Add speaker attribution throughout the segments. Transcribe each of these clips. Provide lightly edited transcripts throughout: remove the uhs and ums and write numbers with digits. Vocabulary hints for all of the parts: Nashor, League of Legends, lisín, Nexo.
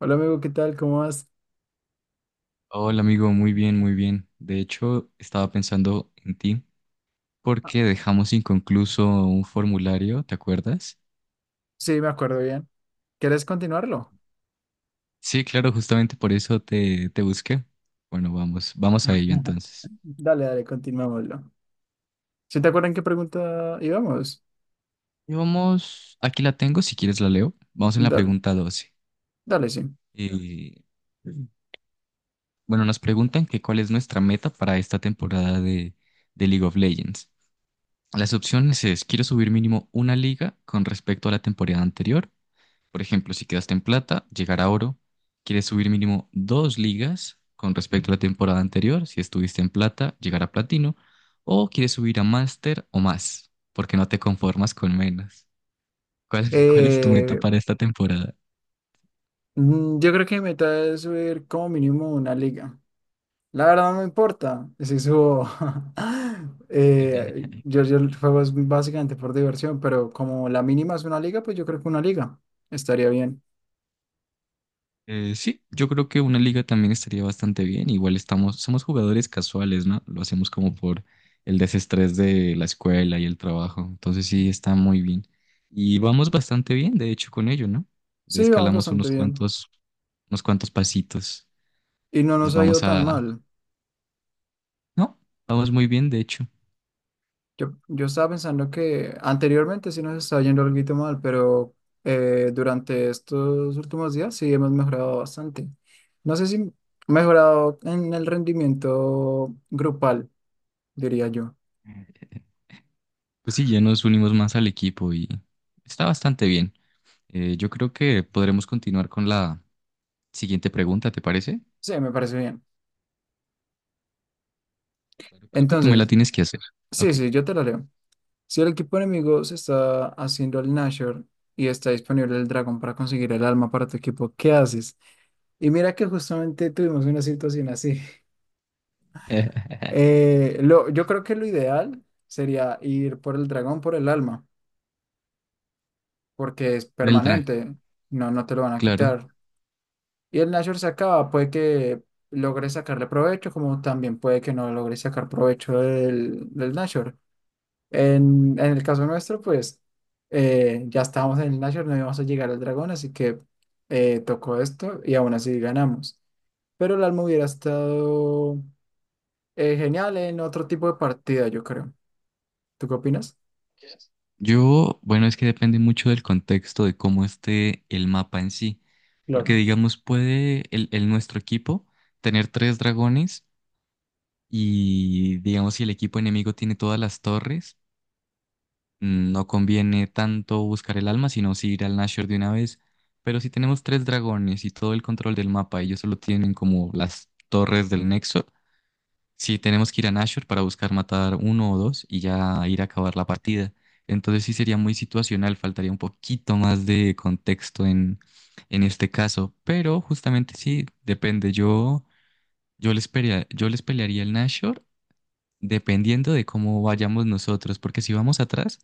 Speaker 1: Hola amigo, ¿qué tal? ¿Cómo vas?
Speaker 2: Hola amigo, muy bien, muy bien. De hecho, estaba pensando en ti
Speaker 1: Ah,
Speaker 2: porque dejamos inconcluso un formulario, ¿te acuerdas?
Speaker 1: sí, me acuerdo bien. ¿Quieres continuarlo?
Speaker 2: Sí, claro, justamente por eso te busqué. Bueno, vamos a ello entonces.
Speaker 1: Dale, dale, continuámoslo. ¿Sí te acuerdan qué pregunta íbamos?
Speaker 2: Y vamos, aquí la tengo, si quieres la leo. Vamos en la
Speaker 1: Dale,
Speaker 2: pregunta 12.
Speaker 1: dale, sí.
Speaker 2: Y bueno, nos preguntan que cuál es nuestra meta para esta temporada de League of Legends. Las opciones es, quiero subir mínimo una liga con respecto a la temporada anterior. Por ejemplo, si quedaste en plata, llegar a oro, quieres subir mínimo dos ligas con respecto a la temporada anterior. Si estuviste en plata, llegar a platino. O quieres subir a máster o más, porque no te conformas con menos. ¿Cuál, cuál es tu meta
Speaker 1: Eh,
Speaker 2: para esta temporada?
Speaker 1: yo creo que mi meta es subir como mínimo una liga. La verdad no me importa si subo. Eh, yo, yo juego es básicamente por diversión, pero como la mínima es una liga, pues yo creo que una liga estaría bien.
Speaker 2: Sí, yo creo que una liga también estaría bastante bien. Igual estamos, somos jugadores casuales, ¿no? Lo hacemos como por el desestrés de la escuela y el trabajo. Entonces sí, está muy bien. Y vamos bastante bien, de hecho, con ello, ¿no? Ya
Speaker 1: Sí, vamos
Speaker 2: escalamos
Speaker 1: bastante
Speaker 2: unos
Speaker 1: bien.
Speaker 2: cuantos, unos cuantos pasitos.
Speaker 1: Y no
Speaker 2: Entonces
Speaker 1: nos ha ido
Speaker 2: vamos
Speaker 1: tan
Speaker 2: a...
Speaker 1: mal.
Speaker 2: No, vamos muy bien, de hecho.
Speaker 1: Yo estaba pensando que anteriormente sí nos estaba yendo algo mal, pero durante estos últimos días sí hemos mejorado bastante. No sé si mejorado en el rendimiento grupal, diría yo.
Speaker 2: Pues sí, ya nos unimos más al equipo y está bastante bien. Yo creo que podremos continuar con la siguiente pregunta, ¿te parece?
Speaker 1: Sí, me parece bien.
Speaker 2: Claro, creo que tú me la
Speaker 1: Entonces,
Speaker 2: tienes que hacer. Ok.
Speaker 1: sí, yo te lo leo. Si el equipo enemigo se está haciendo el Nashor y está disponible el dragón para conseguir el alma para tu equipo, ¿qué haces? Y mira que justamente tuvimos una situación así. Yo creo que lo ideal sería ir por el dragón, por el alma, porque es
Speaker 2: Del drag,
Speaker 1: permanente, no te lo van a
Speaker 2: claro.
Speaker 1: quitar. Y el Nashor se acaba, puede que logres sacarle provecho, como también puede que no logres sacar provecho del Nashor. En el caso nuestro, pues ya estábamos en el Nashor, no íbamos a llegar al dragón, así que tocó esto y aún así ganamos. Pero el alma hubiera estado genial en otro tipo de partida, yo creo. ¿Tú qué opinas?
Speaker 2: Yo, bueno, es que depende mucho del contexto de cómo esté el mapa en sí. Porque,
Speaker 1: Claro,
Speaker 2: digamos, puede el nuestro equipo tener tres dragones y, digamos, si el equipo enemigo tiene todas las torres, no conviene tanto buscar el alma, sino si ir al Nashor de una vez. Pero si tenemos tres dragones y todo el control del mapa, ellos solo tienen como las torres del Nexo. Sí, tenemos que ir a Nashor para buscar matar uno o dos y ya ir a acabar la partida. Entonces sí sería muy situacional, faltaría un poquito más de contexto en este caso. Pero justamente sí, depende. Yo, yo les pelearía el Nashor dependiendo de cómo vayamos nosotros. Porque si vamos atrás,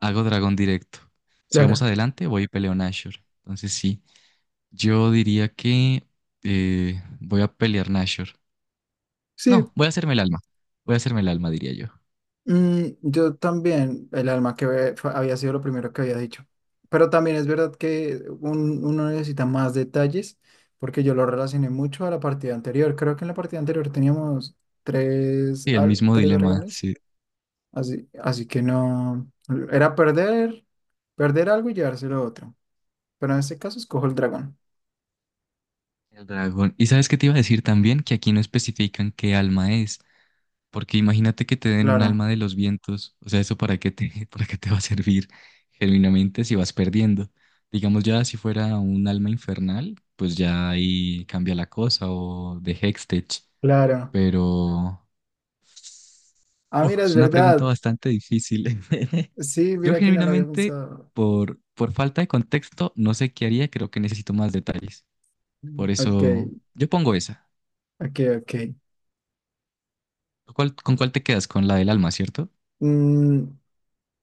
Speaker 2: hago dragón directo. Si vamos
Speaker 1: claro.
Speaker 2: adelante, voy y peleo Nashor. Entonces sí, yo diría que voy a pelear Nashor.
Speaker 1: Sí,
Speaker 2: No, voy a hacerme el alma. Voy a hacerme el alma, diría yo.
Speaker 1: yo también, el alma que había sido lo primero que había dicho. Pero también es verdad que uno necesita más detalles porque yo lo relacioné mucho a la partida anterior. Creo que en la partida anterior teníamos
Speaker 2: Sí, el mismo
Speaker 1: tres
Speaker 2: dilema,
Speaker 1: dragones,
Speaker 2: sí,
Speaker 1: así que no, era perder, perder algo y llevárselo otro. Pero en este caso escojo el dragón.
Speaker 2: el dragón. ¿Y sabes qué te iba a decir también? Que aquí no especifican qué alma es, porque imagínate que te den un
Speaker 1: Claro,
Speaker 2: alma de los vientos, o sea, ¿eso para qué te, para qué te va a servir genuinamente si vas perdiendo? Digamos ya si fuera un alma infernal, pues ya ahí cambia la cosa, o de Hextech,
Speaker 1: claro.
Speaker 2: pero...
Speaker 1: Ah,
Speaker 2: Uf,
Speaker 1: mira, es
Speaker 2: es una pregunta
Speaker 1: verdad.
Speaker 2: bastante difícil.
Speaker 1: Sí,
Speaker 2: Yo
Speaker 1: mira que no lo había
Speaker 2: genuinamente,
Speaker 1: pensado.
Speaker 2: por falta de contexto, no sé qué haría, creo que necesito más detalles. Por
Speaker 1: Ok,
Speaker 2: eso yo pongo esa.
Speaker 1: ok, ok.
Speaker 2: ¿Con cuál te quedas? Con la del alma, ¿cierto?
Speaker 1: Mm,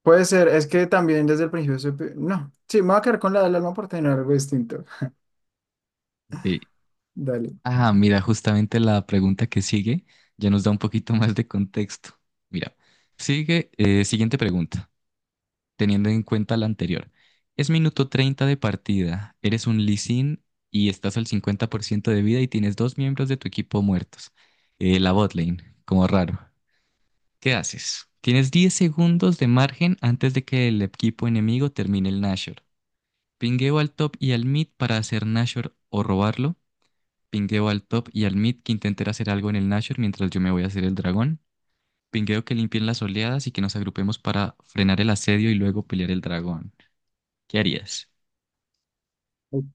Speaker 1: puede ser, es que también desde el principio no, sí, me voy a quedar con la del alma por tener algo distinto.
Speaker 2: Sí.
Speaker 1: Dale.
Speaker 2: Ah, mira, justamente la pregunta que sigue ya nos da un poquito más de contexto. Mira, sigue, siguiente pregunta, teniendo en cuenta la anterior. Es minuto 30 de partida, eres un lisín y estás al 50% de vida y tienes dos miembros de tu equipo muertos. La bot lane, como raro. ¿Qué haces? Tienes 10 segundos de margen antes de que el equipo enemigo termine el Nashor. Pingueo al top y al mid para hacer Nashor o robarlo. Pingueo al top y al mid que intenten hacer algo en el Nashor mientras yo me voy a hacer el dragón. Pingueo que limpien las oleadas y que nos agrupemos para frenar el asedio y luego pelear el dragón. ¿Qué harías?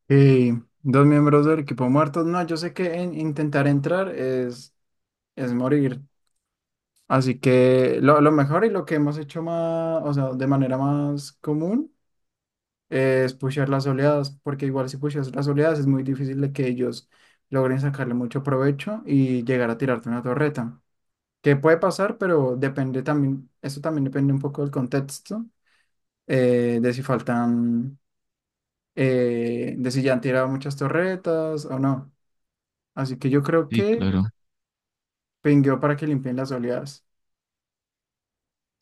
Speaker 1: Y dos miembros del equipo muertos. No, yo sé que intentar entrar es morir. Así que lo mejor y lo que hemos hecho más, o sea, de manera más común es pushear las oleadas, porque igual si pusheas las oleadas es muy difícil de que ellos logren sacarle mucho provecho y llegar a tirarte una torreta. Que puede pasar, pero depende también, eso también depende un poco del contexto, de si faltan, de si ya han tirado muchas torretas o no. Así que yo creo
Speaker 2: Sí,
Speaker 1: que
Speaker 2: claro.
Speaker 1: pingueó para que limpien las oleadas.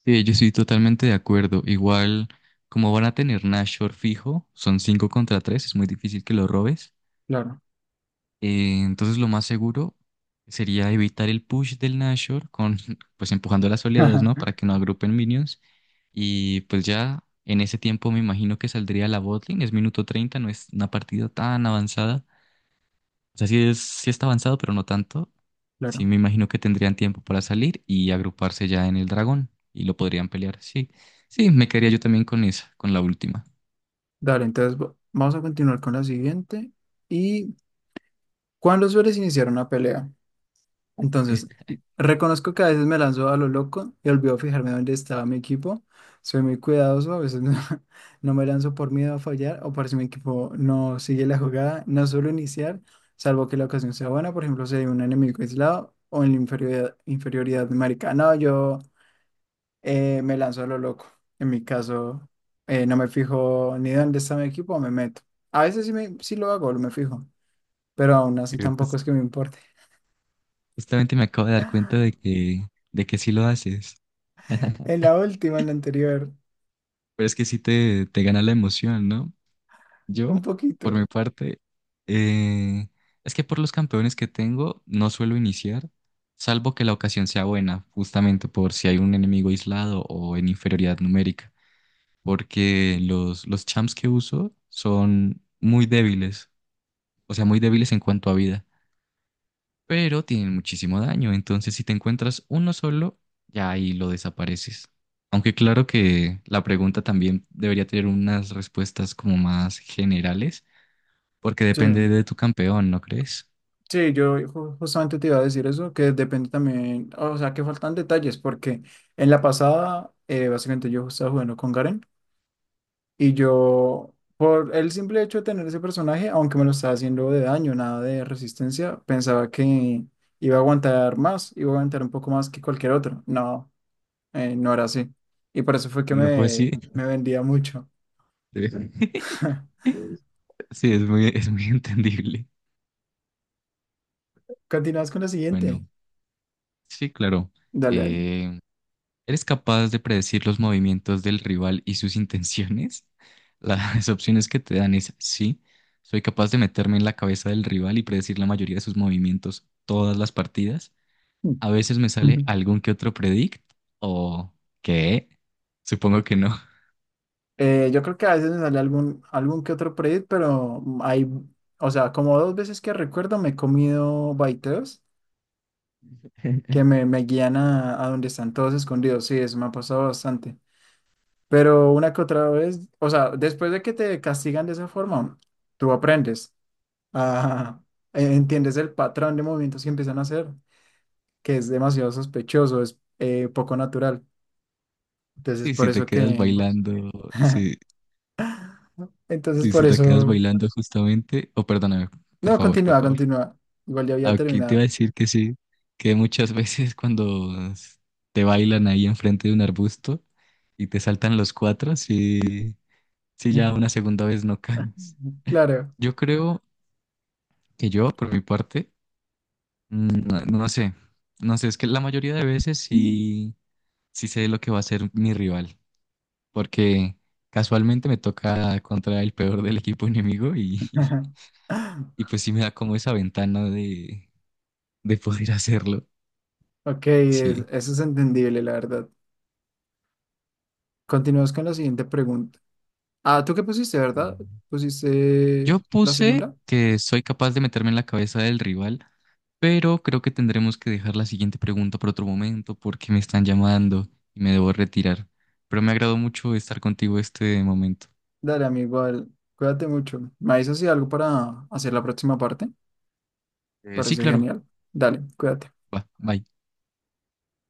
Speaker 2: Sí, yo estoy totalmente de acuerdo. Igual, como van a tener Nashor fijo, son 5 contra 3, es muy difícil que lo robes.
Speaker 1: Claro,
Speaker 2: Entonces lo más seguro sería evitar el push del Nashor con pues empujando las oleadas, ¿no? Para que no agrupen minions. Y pues ya en ese tiempo me imagino que saldría la botlane. Es minuto 30, no es una partida tan avanzada. O sea, sí, es, sí está avanzado, pero no tanto. Sí
Speaker 1: claro.
Speaker 2: me imagino que tendrían tiempo para salir y agruparse ya en el dragón y lo podrían pelear. Sí, sí, me quedaría yo también con esa, con la última.
Speaker 1: Dale, entonces vamos a continuar con la siguiente. ¿Y cuándo sueles iniciar una pelea? Entonces, reconozco que a veces me lanzo a lo loco y olvido fijarme dónde estaba mi equipo. Soy muy cuidadoso, a veces no, no me lanzo por miedo a fallar o por si mi equipo no sigue la jugada. No suelo iniciar, salvo que la ocasión sea buena, por ejemplo, si hay un enemigo aislado o en la inferioridad numérica. No, yo me lanzo a lo loco. En mi caso, no me fijo ni dónde está mi equipo, me meto. A veces sí, sí lo hago, me fijo, pero aún así
Speaker 2: Pero
Speaker 1: tampoco
Speaker 2: jus-
Speaker 1: es que me importe.
Speaker 2: justamente me acabo de dar cuenta de que sí lo haces.
Speaker 1: En la última, en la anterior.
Speaker 2: Pero es que sí te gana la emoción, ¿no?
Speaker 1: Un
Speaker 2: Yo, por mi
Speaker 1: poquito.
Speaker 2: parte, eh, es que por los campeones que tengo no suelo iniciar, salvo que la ocasión sea buena, justamente por si hay un enemigo aislado o en inferioridad numérica, porque los champs que uso son muy débiles, o sea, muy débiles en cuanto a vida pero tienen muchísimo daño. Entonces, si te encuentras uno solo, ya ahí lo desapareces. Aunque claro que la pregunta también debería tener unas respuestas como más generales, porque
Speaker 1: Sí,
Speaker 2: depende de tu campeón, ¿no crees?
Speaker 1: sí, yo justamente te iba a decir eso, que depende también, o sea, que faltan detalles, porque en la pasada, básicamente yo estaba jugando con Garen y yo, por el simple hecho de tener ese personaje, aunque me lo estaba haciendo de daño, nada de resistencia, pensaba que iba a aguantar más, iba a aguantar un poco más que cualquier otro. No, no era así. Y por eso fue que
Speaker 2: No fue así.
Speaker 1: me vendía mucho.
Speaker 2: Sí, es muy entendible.
Speaker 1: Continúas con la siguiente.
Speaker 2: Bueno, sí, claro.
Speaker 1: Dale,
Speaker 2: Eh, ¿Eres capaz de predecir los movimientos del rival y sus intenciones? Las opciones que te dan es sí, soy capaz de meterme en la cabeza del rival y predecir la mayoría de sus movimientos todas las partidas.
Speaker 1: dale.
Speaker 2: A veces me sale algún que otro predict o qué, supongo que no.
Speaker 1: Yo creo que a veces me sale algún que otro predit pero hay, o sea, como dos veces que recuerdo me he comido baiteos que me guían a donde están todos escondidos. Sí, eso me ha pasado bastante. Pero una que otra vez, o sea, después de que te castigan de esa forma, tú aprendes a, entiendes el patrón de movimientos que empiezan a hacer, que es demasiado sospechoso, es poco natural. Entonces,
Speaker 2: Y
Speaker 1: por
Speaker 2: si te
Speaker 1: eso
Speaker 2: quedas
Speaker 1: que,
Speaker 2: bailando, sí,
Speaker 1: entonces,
Speaker 2: y
Speaker 1: por
Speaker 2: si te quedas
Speaker 1: eso.
Speaker 2: bailando justamente, o perdóname, por
Speaker 1: No,
Speaker 2: favor, por
Speaker 1: continúa,
Speaker 2: favor.
Speaker 1: continúa. Igual ya había
Speaker 2: Aquí te iba a
Speaker 1: terminado.
Speaker 2: decir que sí, que muchas veces cuando te bailan ahí enfrente de un arbusto y te saltan los cuatro, sí, sí ya una segunda vez no caes.
Speaker 1: Claro.
Speaker 2: Yo creo que yo, por mi parte, no, no sé, es que la mayoría de veces sí, sí sé lo que va a ser mi rival, porque casualmente me toca contra el peor del equipo enemigo y, y pues sí me da como esa ventana de poder hacerlo,
Speaker 1: Ok,
Speaker 2: sí.
Speaker 1: eso es entendible, la verdad. Continuamos con la siguiente pregunta. Ah, ¿tú qué pusiste, verdad? ¿Pusiste
Speaker 2: Yo
Speaker 1: la
Speaker 2: puse
Speaker 1: segunda?
Speaker 2: que soy capaz de meterme en la cabeza del rival, pero creo que tendremos que dejar la siguiente pregunta por otro momento porque me están llamando y me debo retirar. Pero me agradó mucho estar contigo este momento.
Speaker 1: Dale, amigo, igual. Cuídate mucho. ¿Me avisas si hay algo para hacer la próxima parte?
Speaker 2: Sí,
Speaker 1: Parece
Speaker 2: claro.
Speaker 1: genial. Dale, cuídate.
Speaker 2: Va, bye.